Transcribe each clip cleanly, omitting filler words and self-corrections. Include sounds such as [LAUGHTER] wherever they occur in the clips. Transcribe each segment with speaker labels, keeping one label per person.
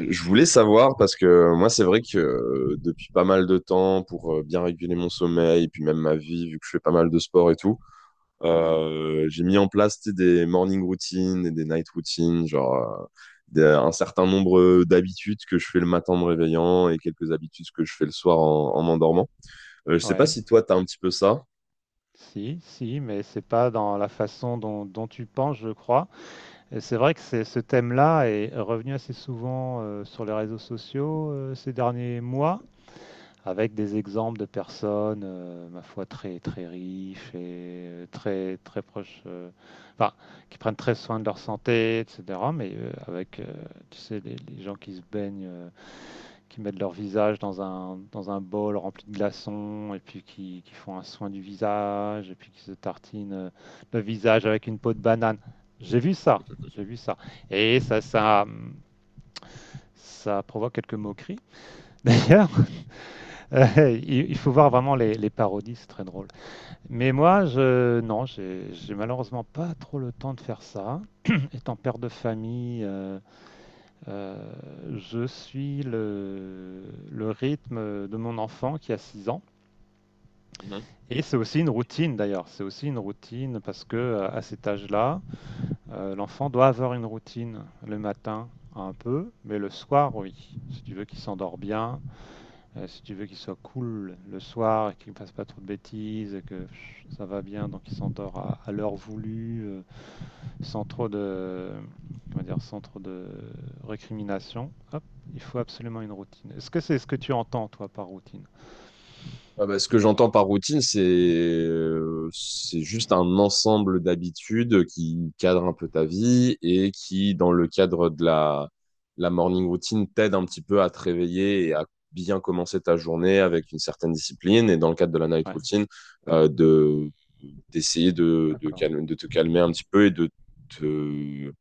Speaker 1: Je voulais savoir parce que moi, c'est vrai que depuis pas mal de temps, pour bien réguler mon sommeil, puis même ma vie, vu que je fais pas mal de sport et tout,
Speaker 2: Ouais,
Speaker 1: j'ai mis en place tu sais, des morning routines et des night routines, genre un certain nombre d'habitudes que je fais le matin en me réveillant et quelques habitudes que je fais le soir en m'endormant. Je sais pas
Speaker 2: ouais,
Speaker 1: si toi, t'as un petit peu ça.
Speaker 2: si, si, mais c'est pas dans la façon dont tu penses, je crois. Et c'est vrai que ce thème-là est revenu assez souvent sur les réseaux sociaux ces derniers mois, avec des exemples de personnes, ma foi, très très riches et très très proches, enfin, qui prennent très soin de leur santé, etc. Mais avec, tu sais, les gens qui se baignent, qui mettent leur visage dans un bol rempli de glaçons, et puis qui font un soin du visage, et puis qui se tartinent le visage avec une peau de banane. J'ai vu ça, j'ai vu ça. Et ça, ça, ça provoque quelques moqueries. [LAUGHS] D'ailleurs, il faut voir vraiment les parodies, c'est très drôle. Mais moi, non, j'ai malheureusement pas trop le temps de faire ça. [CLEARS THROAT] [COUGHS] Étant père de famille, Euh, je suis le rythme de mon enfant qui a 6 ans. Et c'est aussi une routine d'ailleurs, c'est aussi une routine parce que à cet âge-là, l'enfant doit avoir une routine le matin un peu, mais le soir oui. Si tu veux qu'il s'endort bien, si tu veux qu'il soit cool le soir et qu'il ne fasse pas trop de bêtises et que pff, ça va bien, donc il s'endort à l'heure voulue, sans trop de, comment dire, sans trop de récrimination. Hop, il faut absolument une routine. Est-ce que c'est ce que tu entends, toi, par routine?
Speaker 1: Ah bah, ce que j'entends par routine, c'est juste un ensemble d'habitudes qui cadre un peu ta vie et qui, dans le cadre de la morning routine, t'aide un petit peu à te réveiller et à bien commencer ta journée avec une certaine discipline. Et dans le cadre de la night
Speaker 2: Ouais,
Speaker 1: routine, de d'essayer
Speaker 2: d'accord.
Speaker 1: de te calmer un petit peu et de te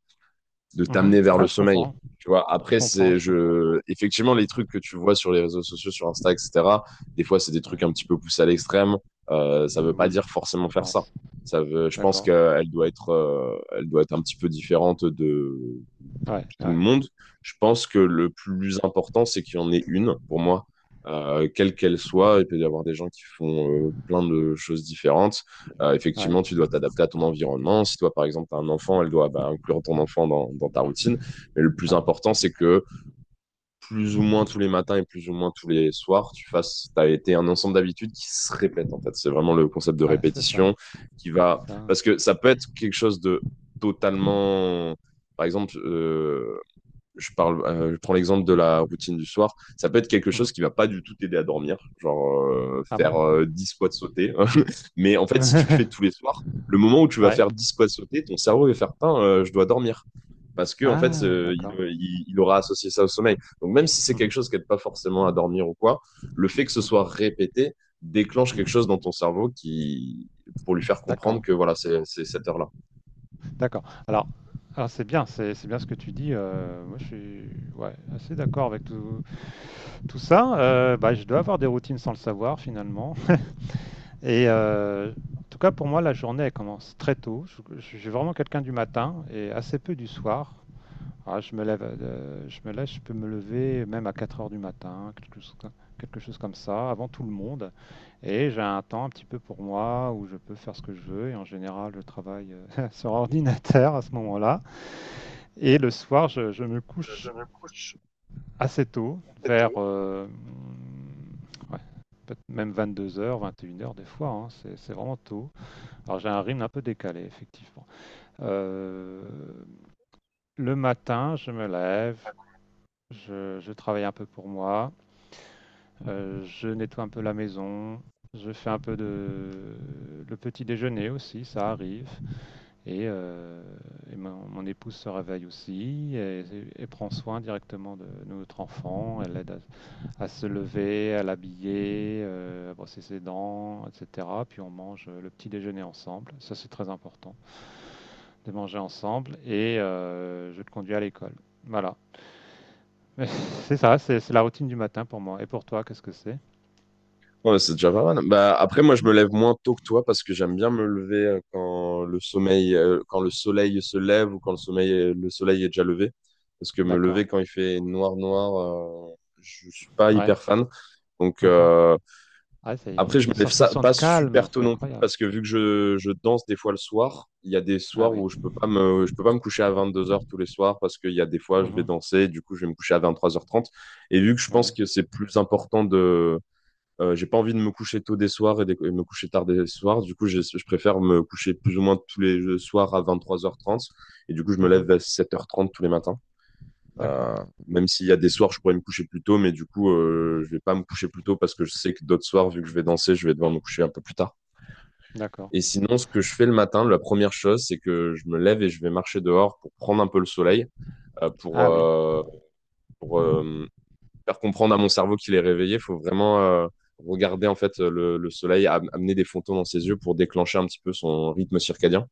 Speaker 1: de
Speaker 2: Mhm.
Speaker 1: t'amener vers
Speaker 2: Ah,
Speaker 1: le
Speaker 2: je
Speaker 1: sommeil.
Speaker 2: comprends,
Speaker 1: Tu vois,
Speaker 2: je
Speaker 1: après,
Speaker 2: comprends,
Speaker 1: c'est
Speaker 2: je comprends.
Speaker 1: je effectivement les trucs que tu vois sur les réseaux sociaux, sur Insta, etc. Des fois, c'est des
Speaker 2: Ouais.
Speaker 1: trucs un petit peu poussés à l'extrême. Ça
Speaker 2: Euh,
Speaker 1: veut pas
Speaker 2: oui,
Speaker 1: dire forcément
Speaker 2: je
Speaker 1: faire ça.
Speaker 2: pense.
Speaker 1: Je pense
Speaker 2: D'accord.
Speaker 1: qu'elle doit être, elle doit être un petit peu différente de
Speaker 2: Ouais,
Speaker 1: tout le
Speaker 2: ouais,
Speaker 1: monde. Je pense que le plus important, c'est qu'il y en ait une, pour moi, quelle qu'elle soit. Il peut y avoir des gens qui font plein de choses différentes.
Speaker 2: ouais,
Speaker 1: Effectivement, tu dois t'adapter à ton environnement. Si toi, par exemple, tu as un enfant, elle doit bah, inclure ton enfant dans ta routine. Mais le plus
Speaker 2: ouais.
Speaker 1: important, c'est que plus ou moins tous les matins et plus ou moins tous les soirs, tu fasses, t'as été un ensemble d'habitudes qui se répètent, en fait. C'est vraiment le concept de
Speaker 2: Ouais, c'est ça,
Speaker 1: répétition qui
Speaker 2: c'est
Speaker 1: va.
Speaker 2: ça. Ouais.
Speaker 1: Parce que ça peut être quelque chose de totalement. Par exemple, je parle, je prends l'exemple de la routine du soir, ça peut être quelque chose
Speaker 2: Mhm.
Speaker 1: qui va pas du tout t'aider à dormir, genre
Speaker 2: Ah
Speaker 1: faire
Speaker 2: bon?
Speaker 1: 10 squats sautés. [LAUGHS] Mais en fait, si tu le fais tous les
Speaker 2: [LAUGHS]
Speaker 1: soirs, le moment où tu vas
Speaker 2: Ouais.
Speaker 1: faire 10 squats sautés, ton cerveau va faire Tain, je dois dormir. Parce que en fait,
Speaker 2: Ah, d'accord.
Speaker 1: il aura associé ça au sommeil. Donc même si c'est quelque
Speaker 2: Mhm,
Speaker 1: chose qui n'aide pas forcément à dormir ou quoi, le fait que ce
Speaker 2: mhm,
Speaker 1: soit répété déclenche quelque
Speaker 2: mhm.
Speaker 1: chose dans ton cerveau qui pour lui faire comprendre
Speaker 2: D'accord,
Speaker 1: que voilà, c'est cette heure-là.
Speaker 2: d'accord. Alors, c'est bien, c'est bien ce que tu dis. Moi, je suis ouais, assez d'accord avec tout ça, bah, je dois avoir des routines sans le savoir finalement. Et en tout cas, pour moi, la journée, elle commence très tôt. Je suis vraiment quelqu'un du matin et assez peu du soir. Ah, je peux me lever même à 4 heures du matin, quelque chose comme ça, avant tout le monde. Et j'ai un temps un petit peu pour moi où je peux faire ce que je veux. Et en général, je travaille [LAUGHS] sur ordinateur à ce moment-là. Et le soir, je me couche assez tôt, vers ouais, peut-être même 22h, 21 heures des fois, hein, c'est vraiment tôt. Alors j'ai un rythme un peu décalé, effectivement. Euh, le matin, je me lève, je travaille un peu pour moi, je nettoie un peu la maison, je fais un peu de le petit déjeuner aussi, ça arrive. Et, euh, et mon épouse se réveille aussi et prend soin directement de notre enfant. Elle l'aide à se lever, à l'habiller, à brosser ses dents, etc. Puis on mange le petit déjeuner ensemble. Ça, c'est très important, de manger ensemble. Et je te conduis à l'école. Voilà. [LAUGHS] C'est ça, c'est la routine du matin pour moi. Et pour toi, qu'est-ce que c'est?
Speaker 1: Ouais, c'est déjà pas mal. Bah, après, moi, je
Speaker 2: Hmm.
Speaker 1: me lève moins tôt que toi parce que j'aime bien me lever quand le sommeil, quand le soleil se lève ou quand le sommeil, le soleil est déjà levé. Parce que me
Speaker 2: D'accord.
Speaker 1: lever quand il fait noir, noir, je suis pas
Speaker 2: Ouais.
Speaker 1: hyper fan. Donc,
Speaker 2: Mhm. Ah, c'est
Speaker 1: après, je me
Speaker 2: une
Speaker 1: lève ça,
Speaker 2: sensation
Speaker 1: pas
Speaker 2: de calme,
Speaker 1: super tôt
Speaker 2: c'est
Speaker 1: non plus
Speaker 2: incroyable.
Speaker 1: parce que vu que je danse des fois le soir, il y a des
Speaker 2: Ah
Speaker 1: soirs
Speaker 2: oui.
Speaker 1: où je peux pas je peux pas me coucher à 22h tous les soirs parce qu'il y a des fois, je vais
Speaker 2: Mhm.
Speaker 1: danser, du coup, je vais me coucher à 23h30. Et vu que je pense
Speaker 2: Ouais.
Speaker 1: que c'est plus important de j'ai pas envie de me coucher tôt des soirs et me coucher tard des soirs. Du coup, je préfère me coucher plus ou moins tous les soirs à 23h30. Et du coup, je me lève
Speaker 2: Mhm.
Speaker 1: à 7h30 tous les matins.
Speaker 2: D'accord.
Speaker 1: Euh, Même s'il y a des soirs, je pourrais me coucher plus tôt, mais du coup, je vais pas me coucher plus tôt parce que je sais que d'autres soirs, vu que je vais danser, je vais devoir me coucher un peu plus tard.
Speaker 2: D'accord.
Speaker 1: Et sinon, ce que je fais le matin, la première chose, c'est que je me lève et je vais marcher dehors pour prendre un peu le soleil, euh, pour,
Speaker 2: Ah oui.
Speaker 1: euh, pour, euh, faire comprendre à mon cerveau qu'il est réveillé, il faut vraiment regarder en fait le soleil amener des photons dans ses yeux pour déclencher un petit peu son rythme circadien.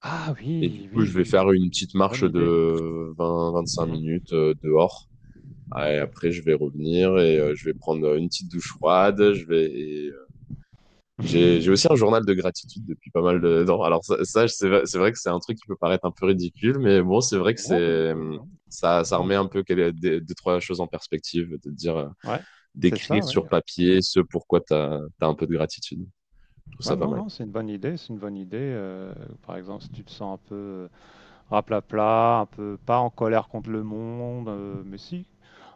Speaker 2: Ah
Speaker 1: Et du
Speaker 2: oui,
Speaker 1: coup,
Speaker 2: oui,
Speaker 1: je vais
Speaker 2: oui, oui,
Speaker 1: faire
Speaker 2: oui,
Speaker 1: une
Speaker 2: oui.
Speaker 1: petite
Speaker 2: Bonne
Speaker 1: marche
Speaker 2: idée.
Speaker 1: de 20-25
Speaker 2: Mhm.
Speaker 1: minutes dehors. Et
Speaker 2: Mhm.
Speaker 1: après, je vais revenir et je vais prendre une petite douche froide. J'ai aussi un
Speaker 2: [LAUGHS]
Speaker 1: journal de gratitude depuis pas mal de [LAUGHS] temps. Alors ça, c'est vrai que c'est un truc qui peut paraître un peu ridicule, mais bon, c'est vrai que
Speaker 2: Non, pas du
Speaker 1: c'est
Speaker 2: tout.
Speaker 1: ça ça
Speaker 2: Non,
Speaker 1: remet
Speaker 2: non.
Speaker 1: un peu deux trois choses en perspective de te dire.
Speaker 2: Ouais, c'est
Speaker 1: D'écrire
Speaker 2: ça, oui.
Speaker 1: sur papier ce pourquoi tu as, un peu de gratitude. Je trouve ça
Speaker 2: Ouais,
Speaker 1: pas
Speaker 2: non,
Speaker 1: mal.
Speaker 2: non, c'est une bonne idée. C'est une bonne idée. Par exemple, si tu te sens un peu raplapla, un peu pas en colère contre le monde, mais si,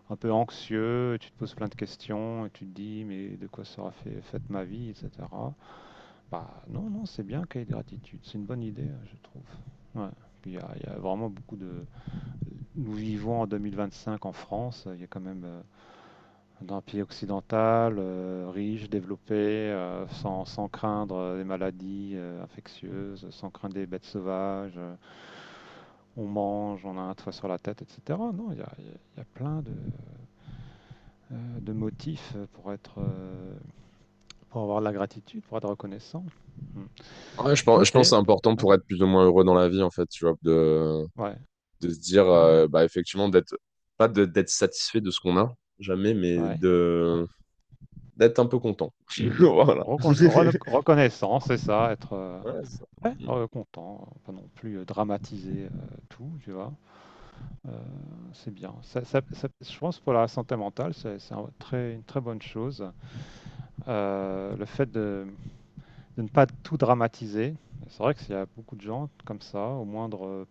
Speaker 2: un peu anxieux, et tu te poses plein de questions et tu te dis, mais de quoi sera fait, faite ma vie, etc. Bah, non, non, c'est bien qu'il y ait gratitude. C'est une bonne idée, je trouve. Ouais. Puis il y a vraiment beaucoup de. Nous vivons en 2025 en France. Il y a quand même, d'un pays occidental, riche, développé, sans craindre des maladies infectieuses, sans craindre des bêtes sauvages, on mange, on a un toit sur la tête, etc. Non, il y a plein de motifs pour être, pour avoir de la gratitude, pour être reconnaissant. Hmm.
Speaker 1: Ouais, je
Speaker 2: Ok.
Speaker 1: pense que
Speaker 2: Ouais.
Speaker 1: c'est important pour être plus ou moins heureux dans la vie, en fait, tu vois,
Speaker 2: Ouais.
Speaker 1: de se dire,
Speaker 2: Non, non.
Speaker 1: bah, effectivement, d'être, pas de- d'être satisfait de ce qu'on a, jamais, mais
Speaker 2: Ouais.
Speaker 1: de, d'être un peu content. [LAUGHS] Voilà.
Speaker 2: Recon- reno-
Speaker 1: [LAUGHS]
Speaker 2: reconnaissant, c'est ça, être
Speaker 1: Ouais, c'est ça.
Speaker 2: ouais,
Speaker 1: Mm,
Speaker 2: content, pas non plus dramatiser tout, tu vois. Euh, c'est bien. Je pense pour la santé mentale, c'est un une très bonne chose. Le fait de ne pas tout dramatiser, c'est vrai qu'il y a beaucoup de gens comme ça, au moindre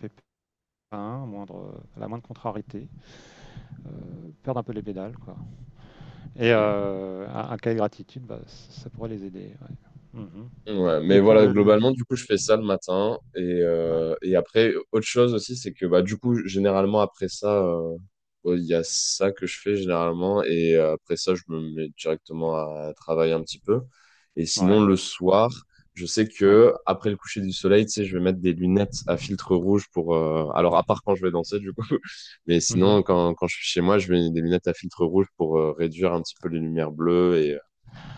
Speaker 2: pépin, à la moindre contrariété, perdent un peu les pédales, quoi. Et
Speaker 1: mm.
Speaker 2: un cahier de gratitude, bah, ça pourrait les aider. Ouais. Mhm.
Speaker 1: Mm, ouais, mais
Speaker 2: Et pour
Speaker 1: voilà,
Speaker 2: le...
Speaker 1: globalement, du coup, je fais ça le matin.
Speaker 2: Ouais.
Speaker 1: Et après, autre chose aussi, c'est que bah, du coup, généralement, après ça, ouais, il y a ça que je fais généralement et après ça, je me mets directement à travailler un petit peu. Et sinon,
Speaker 2: Ouais.
Speaker 1: le soir, je sais
Speaker 2: Ouais.
Speaker 1: que après le coucher du soleil, tu sais, je vais mettre des lunettes à filtre rouge pour. Alors, à part quand je vais danser, du coup, [LAUGHS] mais
Speaker 2: Mhm.
Speaker 1: sinon, quand je suis chez moi, je mets des lunettes à filtre rouge pour réduire un petit peu les lumières bleues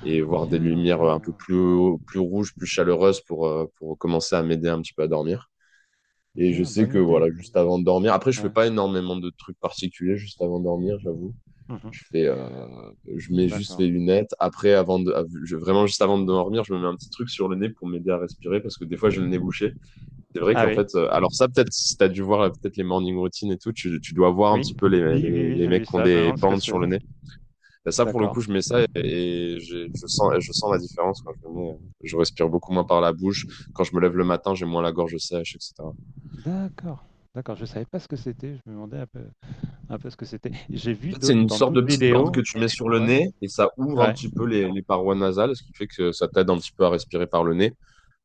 Speaker 1: et voir des
Speaker 2: Bien, bien,
Speaker 1: lumières
Speaker 2: bien.
Speaker 1: un peu plus, plus rouges, plus chaleureuses pour commencer à m'aider un petit peu à dormir. Et je
Speaker 2: Bien,
Speaker 1: sais
Speaker 2: bonne
Speaker 1: que voilà,
Speaker 2: idée, bonne
Speaker 1: juste
Speaker 2: idée.
Speaker 1: avant de dormir, après, je fais
Speaker 2: Ouais.
Speaker 1: pas énormément de trucs particuliers juste avant de dormir, j'avoue.
Speaker 2: Mhm.
Speaker 1: Je fais, je mets juste les
Speaker 2: D'accord.
Speaker 1: lunettes. Après, avant de, av- je- vraiment juste avant de dormir, je me mets un petit truc sur le nez pour m'aider à respirer parce que des fois, j'ai le nez bouché. C'est vrai
Speaker 2: Ah
Speaker 1: qu'en
Speaker 2: oui.
Speaker 1: fait, alors ça, peut-être, si t'as dû voir peut-être les morning routines et tout, tu dois voir un
Speaker 2: Oui,
Speaker 1: petit peu
Speaker 2: oui, oui, oui,
Speaker 1: les
Speaker 2: j'ai
Speaker 1: mecs
Speaker 2: vu
Speaker 1: qui ont
Speaker 2: ça. Je me
Speaker 1: des
Speaker 2: demande ce que
Speaker 1: bandes
Speaker 2: c'est.
Speaker 1: sur le nez. Bah, ça, pour le
Speaker 2: D'accord.
Speaker 1: coup, je mets ça et je sens la différence quand je le mets. Je respire beaucoup moins par la bouche. Quand je me lève le matin, j'ai moins la gorge sèche, etc.
Speaker 2: D'accord. D'accord. Je savais pas ce que c'était. Je me demandais un peu ce que c'était. J'ai
Speaker 1: En
Speaker 2: vu
Speaker 1: fait, c'est
Speaker 2: d'autres
Speaker 1: une
Speaker 2: dans
Speaker 1: sorte de
Speaker 2: d'autres
Speaker 1: petite bande que
Speaker 2: vidéos.
Speaker 1: tu mets sur le
Speaker 2: Ouais.
Speaker 1: nez et ça ouvre un
Speaker 2: Ouais.
Speaker 1: petit peu les parois nasales, ce qui fait que ça t'aide un petit peu à respirer par le nez.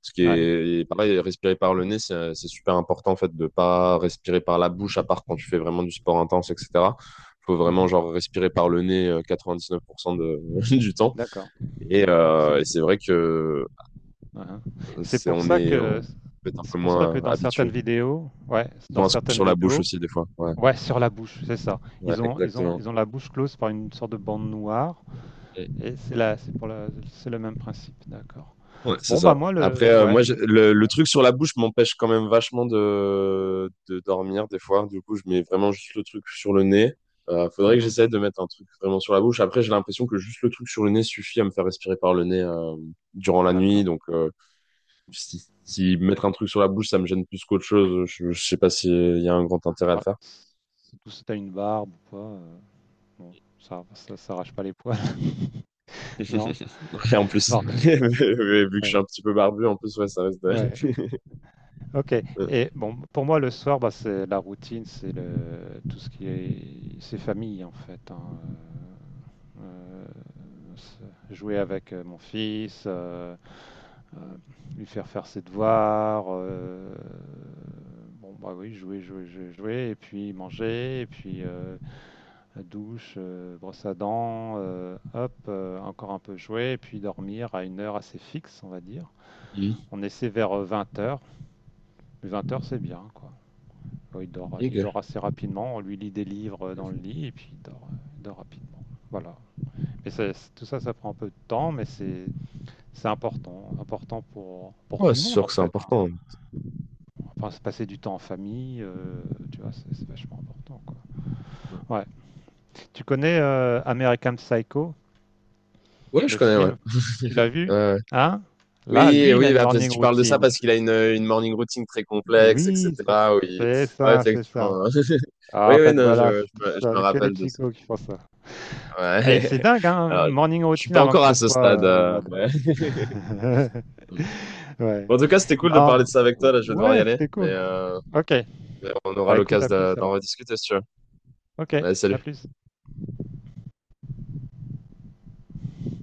Speaker 1: Ce qui
Speaker 2: Ouais.
Speaker 1: est et pareil, respirer par le nez, c'est super important en fait de pas respirer par la bouche, à part quand tu fais vraiment du sport intense, etc. Faut vraiment
Speaker 2: Mhm.
Speaker 1: genre respirer par le nez 99% [LAUGHS] du temps.
Speaker 2: D'accord. C'est
Speaker 1: Et
Speaker 2: c'est-
Speaker 1: c'est vrai que
Speaker 2: ouais, hein. C'est
Speaker 1: c'est
Speaker 2: pour
Speaker 1: on
Speaker 2: ça
Speaker 1: est on
Speaker 2: que
Speaker 1: peut être un peu moins
Speaker 2: dans
Speaker 1: habitué.
Speaker 2: certaines vidéos, ouais,
Speaker 1: Ils
Speaker 2: dans
Speaker 1: ont un scotch
Speaker 2: certaines
Speaker 1: sur la bouche
Speaker 2: vidéos,
Speaker 1: aussi des fois. Ouais,
Speaker 2: ouais, sur la bouche, c'est ça.
Speaker 1: ouais,
Speaker 2: Ils ont, ils ont,
Speaker 1: exactement.
Speaker 2: ils ont la bouche close par une sorte de bande noire. Et c'est là, c'est le même principe. D'accord.
Speaker 1: Ouais, c'est
Speaker 2: Bon
Speaker 1: ça.
Speaker 2: bah moi
Speaker 1: Après,
Speaker 2: le, ouais,
Speaker 1: moi,
Speaker 2: le.
Speaker 1: le truc sur la bouche m'empêche quand même vachement de dormir des fois. Du coup, je mets vraiment juste le truc sur le nez. Faudrait que
Speaker 2: Mhm.
Speaker 1: j'essaie de mettre un truc vraiment sur la bouche. Après, j'ai l'impression que juste le truc sur le nez suffit à me faire respirer par le nez durant la nuit.
Speaker 2: D'accord.
Speaker 1: Donc, si mettre un truc sur la bouche, ça me gêne plus qu'autre chose, je sais pas s'il y a un grand intérêt à le
Speaker 2: Bah,
Speaker 1: faire.
Speaker 2: tout si tu une barbe ou quoi, bon, ça s'arrache pas les poils, [LAUGHS] non?
Speaker 1: [LAUGHS] Ouais, en plus,
Speaker 2: Bon,
Speaker 1: [LAUGHS] Mais vu que je suis
Speaker 2: ouais,
Speaker 1: un petit peu barbu, en plus, ouais, ça reste.
Speaker 2: ouais, OK
Speaker 1: [LAUGHS] Ouais.
Speaker 2: et bon, pour moi, le soir, bah, c'est la routine, c'est le tout ce qui est c'est famille, en fait, hein, heu c'est jouer avec, mon fils, heu, lui faire faire ses devoirs, bon, bah, oui, jouer, jouer, jouer, jouer et puis manger et puis, la douche, brosse à dents, hop, encore un peu jouer, et puis dormir à une heure assez fixe, on va dire.
Speaker 1: Mhm.
Speaker 2: On essaie vers 20 heures, mais 20 heures c'est bien, quoi. Bon, il dort, il
Speaker 1: Ok.
Speaker 2: dort assez rapidement, on lui lit des livres dans le lit, et puis il dort rapidement. Voilà. Mais tout ça, ça prend un peu de temps, mais c'est important, important pour
Speaker 1: Ouais,
Speaker 2: tout le
Speaker 1: c'est
Speaker 2: monde
Speaker 1: sûr
Speaker 2: en
Speaker 1: que c'est
Speaker 2: fait, hein.
Speaker 1: important.
Speaker 2: Enfin, se passer du temps en famille, tu vois, c'est vachement important, quoi.
Speaker 1: Ouais.
Speaker 2: Ouais. Tu connais American Psycho?
Speaker 1: Ouais, je
Speaker 2: Le
Speaker 1: connais, ouais.
Speaker 2: film, tu l'as vu?
Speaker 1: Ouais.
Speaker 2: Hein? Là,
Speaker 1: Oui,
Speaker 2: lui, il a
Speaker 1: oui,
Speaker 2: une
Speaker 1: bah, parce
Speaker 2: morning
Speaker 1: que tu parles de ça
Speaker 2: routine.
Speaker 1: parce qu'il a une morning routine très complexe,
Speaker 2: Oui, c'est
Speaker 1: etc. Oui,
Speaker 2: c'est
Speaker 1: ouais,
Speaker 2: ça, c'est ça.
Speaker 1: effectivement. [LAUGHS]
Speaker 2: Ah,
Speaker 1: Oui,
Speaker 2: en
Speaker 1: oui,
Speaker 2: fait,
Speaker 1: non,
Speaker 2: voilà, c'est tout
Speaker 1: je
Speaker 2: ça,
Speaker 1: me
Speaker 2: que les
Speaker 1: rappelle de ça.
Speaker 2: psychos qui font ça. Et
Speaker 1: Ouais.
Speaker 2: c'est
Speaker 1: [LAUGHS]
Speaker 2: dingue, hein,
Speaker 1: Alors,
Speaker 2: morning
Speaker 1: je suis
Speaker 2: routine
Speaker 1: pas
Speaker 2: avant que
Speaker 1: encore à
Speaker 2: ce
Speaker 1: ce stade.
Speaker 2: soit à la mode.
Speaker 1: Ouais.
Speaker 2: [LAUGHS]
Speaker 1: Mm.
Speaker 2: Ouais.
Speaker 1: Bon, en tout cas, c'était cool de
Speaker 2: Non,
Speaker 1: parler de ça avec toi. Là, je vais devoir y
Speaker 2: ouais,
Speaker 1: aller,
Speaker 2: c'était cool. Ok,
Speaker 1: mais on aura
Speaker 2: bah écoute,
Speaker 1: l'occasion
Speaker 2: à plus
Speaker 1: d'en
Speaker 2: alors.
Speaker 1: rediscuter, si tu veux.
Speaker 2: Ok,
Speaker 1: Ouais,
Speaker 2: à
Speaker 1: salut.
Speaker 2: plus.